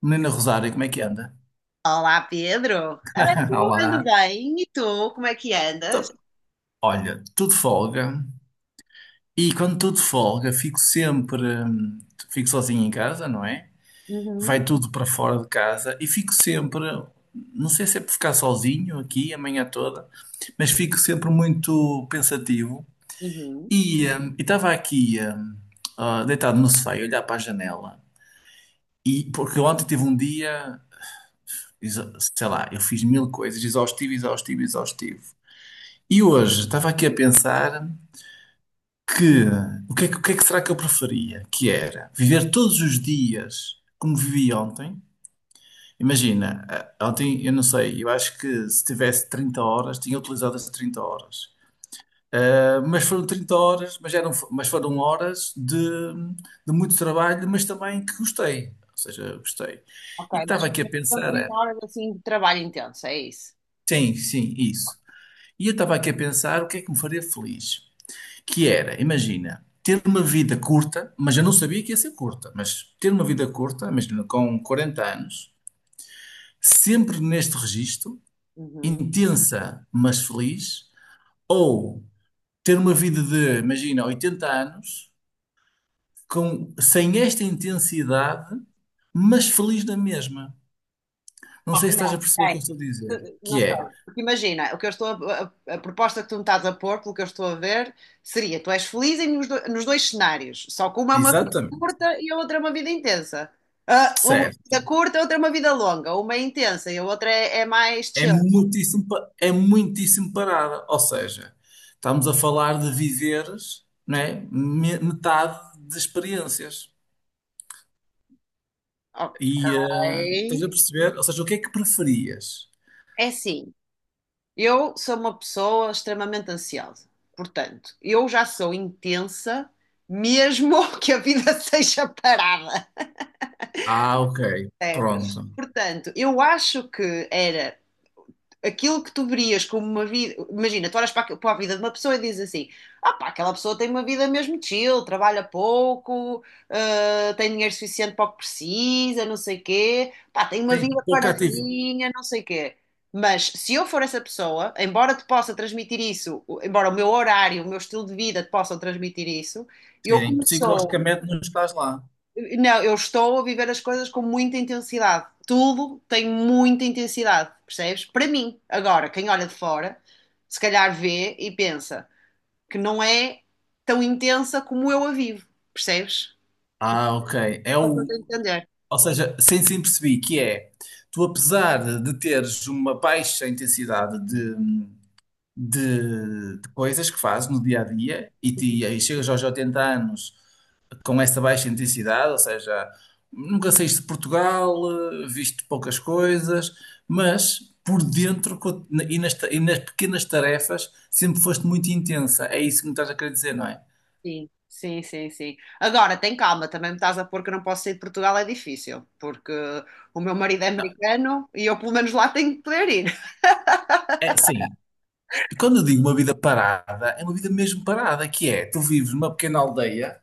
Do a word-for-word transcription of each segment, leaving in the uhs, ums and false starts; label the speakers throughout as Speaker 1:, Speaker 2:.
Speaker 1: Menina Rosário, como é que anda?
Speaker 2: Olá, Pedro. É, eu ando
Speaker 1: Olá.
Speaker 2: bem. E tu, como é que andas?
Speaker 1: Então, olha, tudo de folga. E quando tudo de folga, fico sempre, hum, fico sozinho em casa, não é?
Speaker 2: Uhum,
Speaker 1: Vai tudo para fora de casa e fico sempre, não sei se é por ficar sozinho aqui a manhã toda, mas fico sempre muito pensativo.
Speaker 2: uhum.
Speaker 1: E hum, e estava aqui, hum, ah, deitado no sofá, a olhar para a janela. E porque ontem tive um dia, exa- sei lá, eu fiz mil coisas, exaustivo, exaustivo, exaustivo. E hoje estava aqui a pensar que o que é que, o que é que será que eu preferia? Que era viver todos os dias como vivi ontem. Imagina, eh, ontem eu não sei, eu acho que se tivesse trinta horas, tinha utilizado as trinta horas. Eh, Mas foram trinta horas, mas, eram, mas foram horas de, de muito trabalho, mas também que gostei. Ou seja, gostei.
Speaker 2: Ok,
Speaker 1: E
Speaker 2: mas
Speaker 1: estava aqui a
Speaker 2: são
Speaker 1: pensar,
Speaker 2: trinta
Speaker 1: era,
Speaker 2: horas assim de trabalho intenso, é isso?
Speaker 1: sim, sim, isso. E eu estava aqui a pensar o que é que me faria feliz. Que era, imagina, ter uma vida curta, mas eu não sabia que ia ser curta, mas ter uma vida curta, imagina, com quarenta anos, sempre neste registro,
Speaker 2: Uhum.
Speaker 1: intensa, mas feliz, ou ter uma vida de, imagina, oitenta anos, com, sem esta intensidade, mas feliz na mesma. Não
Speaker 2: Oh,
Speaker 1: sei se estás a
Speaker 2: não,
Speaker 1: perceber o que eu
Speaker 2: é,
Speaker 1: estou a dizer.
Speaker 2: não
Speaker 1: Que
Speaker 2: sei.
Speaker 1: é,
Speaker 2: Porque imagina, o que eu estou a, a- a proposta que tu me estás a pôr, pelo que eu estou a ver, seria: tu és feliz em, nos, do- nos dois cenários, só que uma é uma vida
Speaker 1: exatamente,
Speaker 2: curta e a outra é uma vida intensa. Ah, uma vida
Speaker 1: certo.
Speaker 2: curta, a outra é uma vida longa. Uma é intensa e a outra é, é mais
Speaker 1: É
Speaker 2: chill.
Speaker 1: muitíssimo, pa- é muitíssimo parada. Ou seja, estamos a falar de viveres, né, me- metade de experiências.
Speaker 2: Ok.
Speaker 1: E eh, estás a perceber? Ou seja, o que é que preferias?
Speaker 2: É assim. Eu sou uma pessoa extremamente ansiosa. Portanto, eu já sou intensa, mesmo que a vida seja parada.
Speaker 1: Ah, ok,
Speaker 2: Percebes?
Speaker 1: pronto.
Speaker 2: Portanto, eu acho que era aquilo que tu verias como uma vida. Imagina, tu olhas para a, para a vida de uma pessoa e dizes assim: ah pá, aquela pessoa tem uma vida mesmo chill, trabalha pouco, ah, tem dinheiro suficiente para o que precisa, não sei quê, pá, tem uma
Speaker 1: Tem
Speaker 2: vida
Speaker 1: pouca atividade.
Speaker 2: paradinha, não sei quê. Mas se eu for essa pessoa, embora te possa transmitir isso, embora o meu horário, o meu estilo de vida te possam transmitir isso, eu
Speaker 1: Sim,
Speaker 2: começou
Speaker 1: psicologicamente não estás lá.
Speaker 2: não, eu estou a viver as coisas com muita intensidade. Tudo tem muita intensidade, percebes? Para mim, agora, quem olha de fora, se calhar vê e pensa que não é tão intensa como eu a vivo, percebes?
Speaker 1: Ah, ok. É
Speaker 2: Estou a
Speaker 1: o,
Speaker 2: tentar entender.
Speaker 1: ou seja, sem se perceber que é, tu apesar de teres uma baixa intensidade de, de coisas que fazes no dia a dia e, te, e aí chegas aos oitenta anos com essa baixa intensidade, ou seja, nunca saíste de Portugal, eh, viste poucas coisas, mas por dentro co- e nas, ta- e nas pequenas tarefas sempre foste muito intensa. É isso que me estás a querer dizer, não é?
Speaker 2: Sim, sim, sim, sim. Agora, tem calma, também me estás a pôr que eu não posso sair de Portugal, é difícil, porque o meu marido é americano e eu, pelo menos, lá tenho que poder ir.
Speaker 1: É, sim. E quando eu digo uma vida parada, é uma vida mesmo parada, que é, tu vives numa pequena aldeia,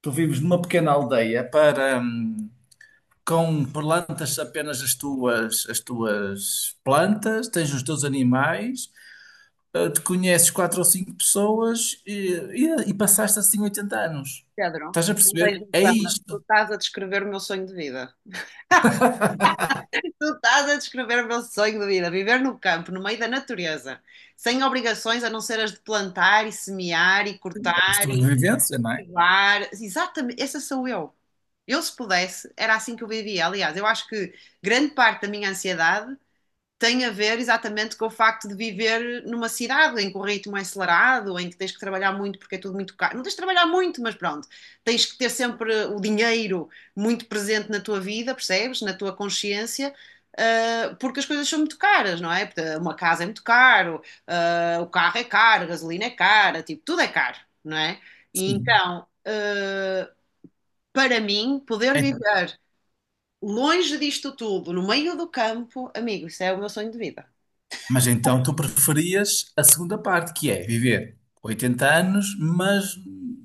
Speaker 1: tu vives numa pequena aldeia para, hum, com plantas apenas as tuas, as tuas plantas, tens os teus animais, eh, te conheces quatro ou cinco pessoas e, e, e passaste assim oitenta anos.
Speaker 2: Pedro,
Speaker 1: Estás a
Speaker 2: não
Speaker 1: perceber?
Speaker 2: tens
Speaker 1: É
Speaker 2: noção, mas tu
Speaker 1: isto.
Speaker 2: estás a descrever o meu sonho de vida. Tu estás a descrever o meu sonho de vida, viver no campo, no meio da natureza, sem obrigações a não ser as de plantar e semear e cortar e
Speaker 1: Sobrevivência, não é?
Speaker 2: cultivar. Exatamente, essa sou eu. Eu, se pudesse, era assim que eu vivia. Aliás, eu acho que grande parte da minha ansiedade tem a ver exatamente com o facto de viver numa cidade em que o ritmo é acelerado, em que tens que trabalhar muito porque é tudo muito caro. Não tens de trabalhar muito, mas pronto, tens que ter sempre o dinheiro muito presente na tua vida, percebes? Na tua consciência. Uh, porque as coisas são muito caras, não é? Porque uma casa é muito caro, uh, o carro é caro, a gasolina é cara, tipo, tudo é caro, não é? E
Speaker 1: Sim.
Speaker 2: então, uh, para mim, poder
Speaker 1: É-
Speaker 2: viver longe disto tudo, no meio do campo, amigo, isso é o meu sonho de vida.
Speaker 1: mas então tu preferias a segunda parte, que é viver oitenta anos, mas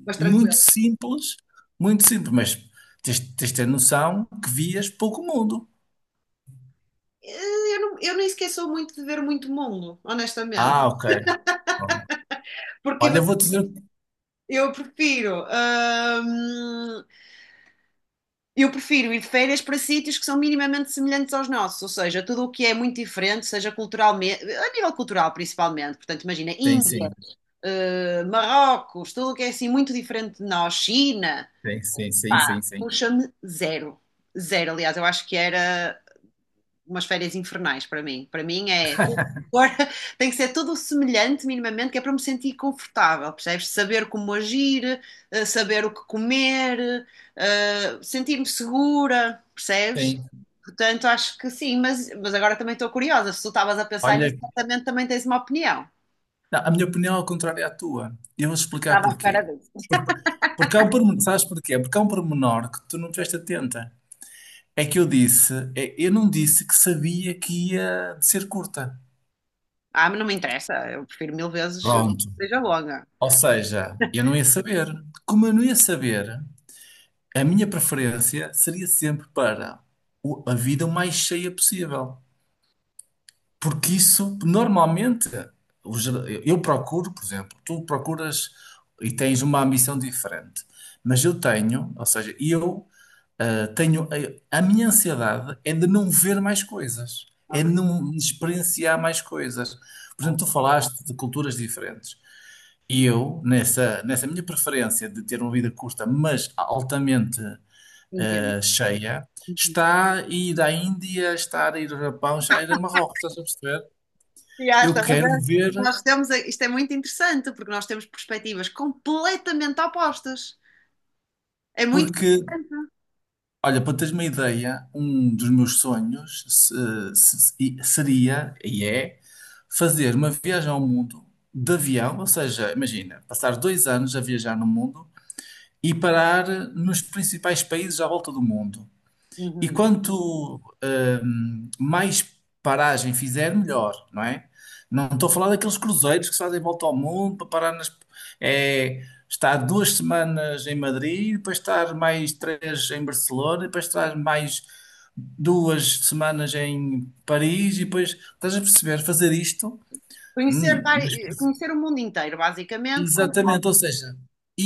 Speaker 2: Mas tranquilo.
Speaker 1: muito simples, muito simples, mas tens, tens de ter noção que vias pouco mundo.
Speaker 2: Eh, Eu, não, eu nem sequer sou muito de ver muito mundo, honestamente.
Speaker 1: Ah, ok. Bom,
Speaker 2: Porque ima-
Speaker 1: olha, vou dizer.
Speaker 2: eu prefiro, hum, eu prefiro ir de férias para sítios que são minimamente semelhantes aos nossos, ou seja, tudo o que é muito diferente, seja culturalmente, a nível cultural principalmente. Portanto, imagina,
Speaker 1: Sim,
Speaker 2: Índia,
Speaker 1: sim.
Speaker 2: eh, Marrocos, tudo o que é assim muito diferente de nós, China,
Speaker 1: Sim, sim, sim,
Speaker 2: pá,
Speaker 1: sim, sim.
Speaker 2: puxa-me zero. Zero, aliás, eu acho que era umas férias infernais para mim. Para mim é. Agora tem que ser tudo semelhante, minimamente, que é para me sentir confortável, percebes? Saber como agir, eh, saber o que comer, eh, sentir-me segura, percebes?
Speaker 1: Sim.
Speaker 2: Portanto, acho que sim, mas, mas agora também estou curiosa. Se tu estavas a pensar nisso,
Speaker 1: Olha,
Speaker 2: certamente também tens uma opinião.
Speaker 1: a minha opinião é ao contrário à tua. E eu vou explicar
Speaker 2: Estava à espera
Speaker 1: porquê.
Speaker 2: disso.
Speaker 1: Por- Porque, há um pormenor, sabes porquê? Porque há um pormenor que tu não estiveste atenta. É que eu disse, é- eu não disse que sabia que ia ser curta.
Speaker 2: Ah, mas não me interessa. Eu prefiro mil vezes que
Speaker 1: Pronto.
Speaker 2: seja longa.
Speaker 1: Ou seja, eu não ia saber. Como eu não ia saber, a minha preferência seria sempre para o- a vida o mais cheia possível. Porque isso, normalmente, o ger- eu eu procuro, por exemplo, tu procuras e tens uma ambição diferente, mas eu tenho, ou seja, eu ah, tenho, a, a minha ansiedade é de não ver mais coisas, é de
Speaker 2: Ok,
Speaker 1: não experienciar mais coisas. Por exemplo, tu falaste de culturas diferentes. E eu, nessa, nessa minha preferência de ter uma vida curta, mas altamente
Speaker 2: entendo.
Speaker 1: ah, cheia, está a ir à Índia, está a ir ao Japão, está a ir a Marrocos, estás a perceber?
Speaker 2: Já,
Speaker 1: Eu
Speaker 2: estás a
Speaker 1: quero
Speaker 2: ver?
Speaker 1: ver
Speaker 2: Nós temos, a- isto é muito interessante, porque nós temos perspectivas completamente opostas. É muito
Speaker 1: porque,
Speaker 2: interessante.
Speaker 1: olha, para teres uma ideia, um dos meus sonhos se- se- e- seria e é fazer uma viagem ao mundo de avião, ou seja, imagina, passar dois anos a viajar no mundo e parar nos principais países à volta do mundo. E
Speaker 2: Uhum.
Speaker 1: quanto hum, mais paragem fizer, melhor, não é? Não estou a falar daqueles cruzeiros que se fazem volta ao mundo para parar nas. É, estar duas semanas em Madrid, depois estar mais três em Barcelona, depois estar mais duas semanas em Paris, e depois estás a perceber, fazer isto.
Speaker 2: Conhecer,
Speaker 1: hum,
Speaker 2: vari-
Speaker 1: mas-
Speaker 2: conhecer o mundo inteiro, basicamente, com-
Speaker 1: Exatamente, ou seja,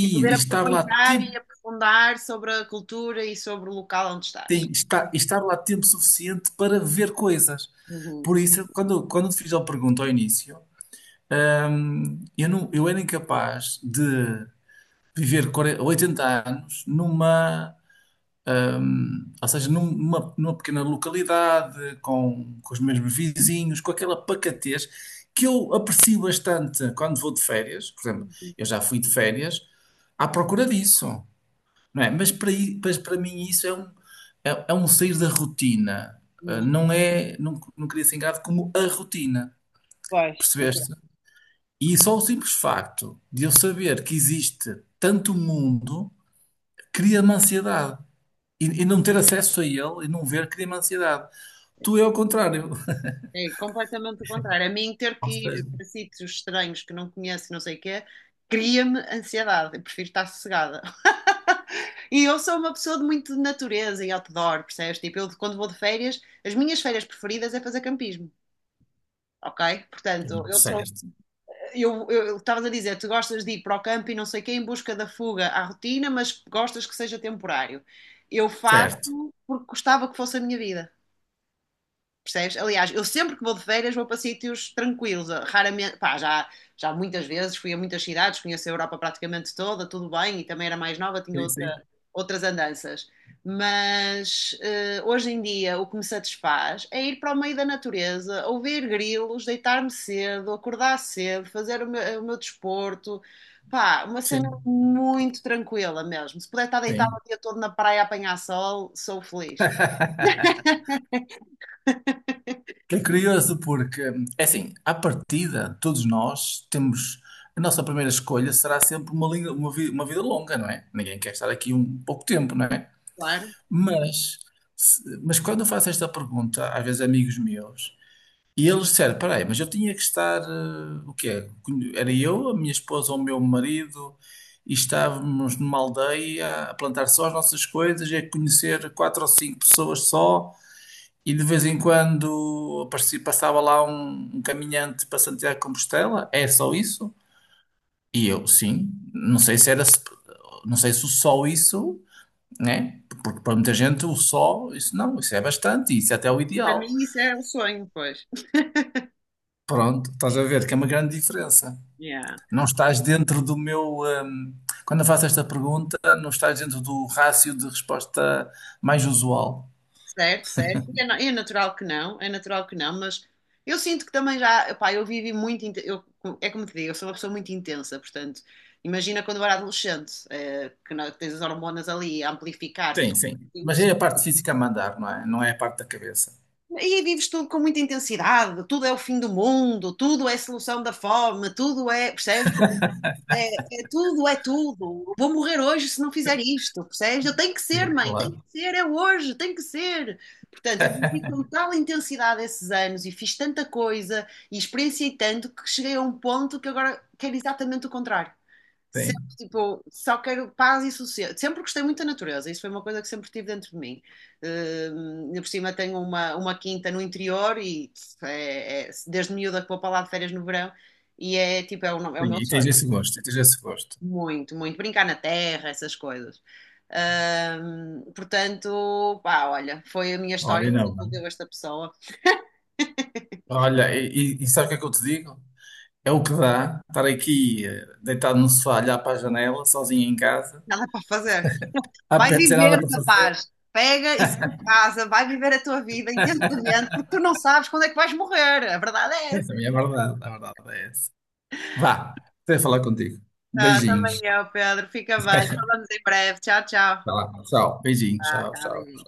Speaker 2: e poder
Speaker 1: estar lá
Speaker 2: aproveitar e
Speaker 1: tempo.
Speaker 2: aprofundar sobre a cultura e sobre o local onde
Speaker 1: Sim,
Speaker 2: estás.
Speaker 1: estar, estar lá tempo suficiente para ver coisas.
Speaker 2: Uhum.
Speaker 1: Por isso, quando, quando te fiz a pergunta ao início, hum, eu, não, eu era incapaz de viver quarenta, oitenta anos numa, hum, ou seja, numa, numa pequena localidade, com, com os mesmos vizinhos, com aquela pacatez que eu aprecio bastante quando vou de férias. Por exemplo, eu já fui de férias à procura disso, não é? Mas para, i- mas para mim isso é um, é, é um sair da rotina. Uh,
Speaker 2: Uhum.
Speaker 1: Não é, não, não queria ser encarado como a rotina,
Speaker 2: Pois, então,
Speaker 1: percebeste? E só o simples facto de eu saber que existe tanto mundo cria-me ansiedade. E, e não ter acesso a ele e não ver cria-me ansiedade. Tu é ao contrário.
Speaker 2: é completamente o contrário. A mim, ter
Speaker 1: Ou
Speaker 2: que ir
Speaker 1: seja,
Speaker 2: para sítios estranhos que não conheço, e não sei o quê, cria-me ansiedade. Eu prefiro estar sossegada. E eu sou uma pessoa de muito de natureza e outdoor, percebes? Tipo, eu quando vou de férias, as minhas férias preferidas é fazer campismo. Ok? Portanto,
Speaker 1: pronto,
Speaker 2: eu sou.
Speaker 1: certo,
Speaker 2: Eu eu- estavas a dizer, tu gostas de ir para o campo e não sei quem em busca da fuga à rotina, mas gostas que seja temporário. Eu
Speaker 1: certo.
Speaker 2: faço porque gostava que fosse a minha vida. Percebes? Aliás, eu sempre que vou de férias vou para sítios tranquilos. Raramente, pá, já, já muitas vezes fui a muitas cidades, conheço a Europa praticamente toda, tudo bem, e também era mais nova, tinha
Speaker 1: Sim, sim,
Speaker 2: outra, outras andanças. Mas eh, hoje em dia o que me satisfaz é ir para o meio da natureza, ouvir grilos, deitar-me cedo, acordar cedo, fazer o meu, o meu desporto. Pá, uma cena
Speaker 1: sim,
Speaker 2: muito tranquila mesmo. Se puder estar deitado
Speaker 1: sim.
Speaker 2: o dia todo na praia a apanhar sol, sou feliz.
Speaker 1: É curioso porque, hum, é assim, à partida, todos nós temos. A nossa primeira escolha será sempre uma, linha- uma, vi- uma vida longa, não é? Ninguém quer estar aqui um pouco tempo, não é?
Speaker 2: Claro.
Speaker 1: Mas, se- mas quando eu faço esta pergunta, às vezes a amigos meus, e eles disseram: peraí, mas eu tinha que estar. Eh, o quê? Era eu, a minha esposa ou o meu marido, e estávamos numa aldeia a plantar só as nossas coisas e a conhecer quatro ou cinco pessoas só. E de vez em quando aparecia- passava lá um, um caminhante para Santiago de Compostela, é só isso? E eu, sim, não sei se era, se- não sei se o só isso, né? Porque para muita gente o só, isso não, isso é bastante, isso é até o
Speaker 2: Para
Speaker 1: ideal.
Speaker 2: mim isso é um sonho, pois.
Speaker 1: Pronto, estás a ver que é uma grande diferença.
Speaker 2: Yeah.
Speaker 1: Não estás dentro do meu, hum, quando eu faço esta pergunta, não estás dentro do rácio de resposta mais usual.
Speaker 2: Certo, certo. É, na- é natural que não, é natural que não, mas eu sinto que também já, pá, eu vivi muito, inte- eu, é como te digo, eu sou uma pessoa muito intensa, portanto, imagina quando eu era adolescente, eh, que não- tens as hormonas ali a amplificar
Speaker 1: Sim,
Speaker 2: tudo
Speaker 1: sim. Mas
Speaker 2: isso.
Speaker 1: é a parte física a mandar, não é? Não é a parte da cabeça.
Speaker 2: E aí vives tudo com muita intensidade, tudo é o fim do mundo, tudo é solução da fome, tudo é, percebes? É tudo, é tudo. Vou morrer hoje se não fizer isto, percebes? Eu tenho que ser,
Speaker 1: Sim,
Speaker 2: mãe, tenho que
Speaker 1: claro.
Speaker 2: ser, é hoje, tenho que ser. Portanto, eu vivi com tal intensidade esses anos e fiz tanta coisa e experienciei tanto que cheguei a um ponto que agora quero exatamente o contrário. Sempre,
Speaker 1: Sim.
Speaker 2: tipo, só quero paz e sossego. Sempre gostei muito da natureza, isso foi uma coisa que sempre tive dentro de mim. Hum, ainda por cima tenho uma, uma quinta no interior e é, é, desde miúda que vou para lá de férias no verão e é tipo, é o, é o
Speaker 1: Sim,
Speaker 2: meu
Speaker 1: e tens
Speaker 2: sonho.
Speaker 1: esse gosto, e tens esse gosto.
Speaker 2: Muito, muito. Brincar na terra, essas coisas. Ahm, portanto, pá, olha, foi a minha
Speaker 1: Olha,
Speaker 2: história
Speaker 1: e
Speaker 2: que
Speaker 1: não,
Speaker 2: desenvolveu
Speaker 1: mano.
Speaker 2: esta pessoa.
Speaker 1: Olha, e, e, e sabe o que é que eu te digo? É o que dá estar aqui eh, deitado no sofá, olhar para a janela, sozinho em casa,
Speaker 2: Nada para fazer.
Speaker 1: a
Speaker 2: Vai
Speaker 1: pé, sem nada
Speaker 2: viver,
Speaker 1: para fazer.
Speaker 2: rapaz. Pega e sai de casa, vai viver a tua vida intensamente, porque tu não sabes quando é que vais morrer. A verdade
Speaker 1: É,
Speaker 2: é essa.
Speaker 1: também é verdade, a verdade é essa. Vá, até falar contigo.
Speaker 2: Ah, também
Speaker 1: Beijinhos.
Speaker 2: eu, Pedro. Fica bem. Falamos em breve. Tchau, tchau.
Speaker 1: Vá lá, tchau. Beijinhos,
Speaker 2: Tá,
Speaker 1: tchau,
Speaker 2: tá,
Speaker 1: tchau.
Speaker 2: beijinho.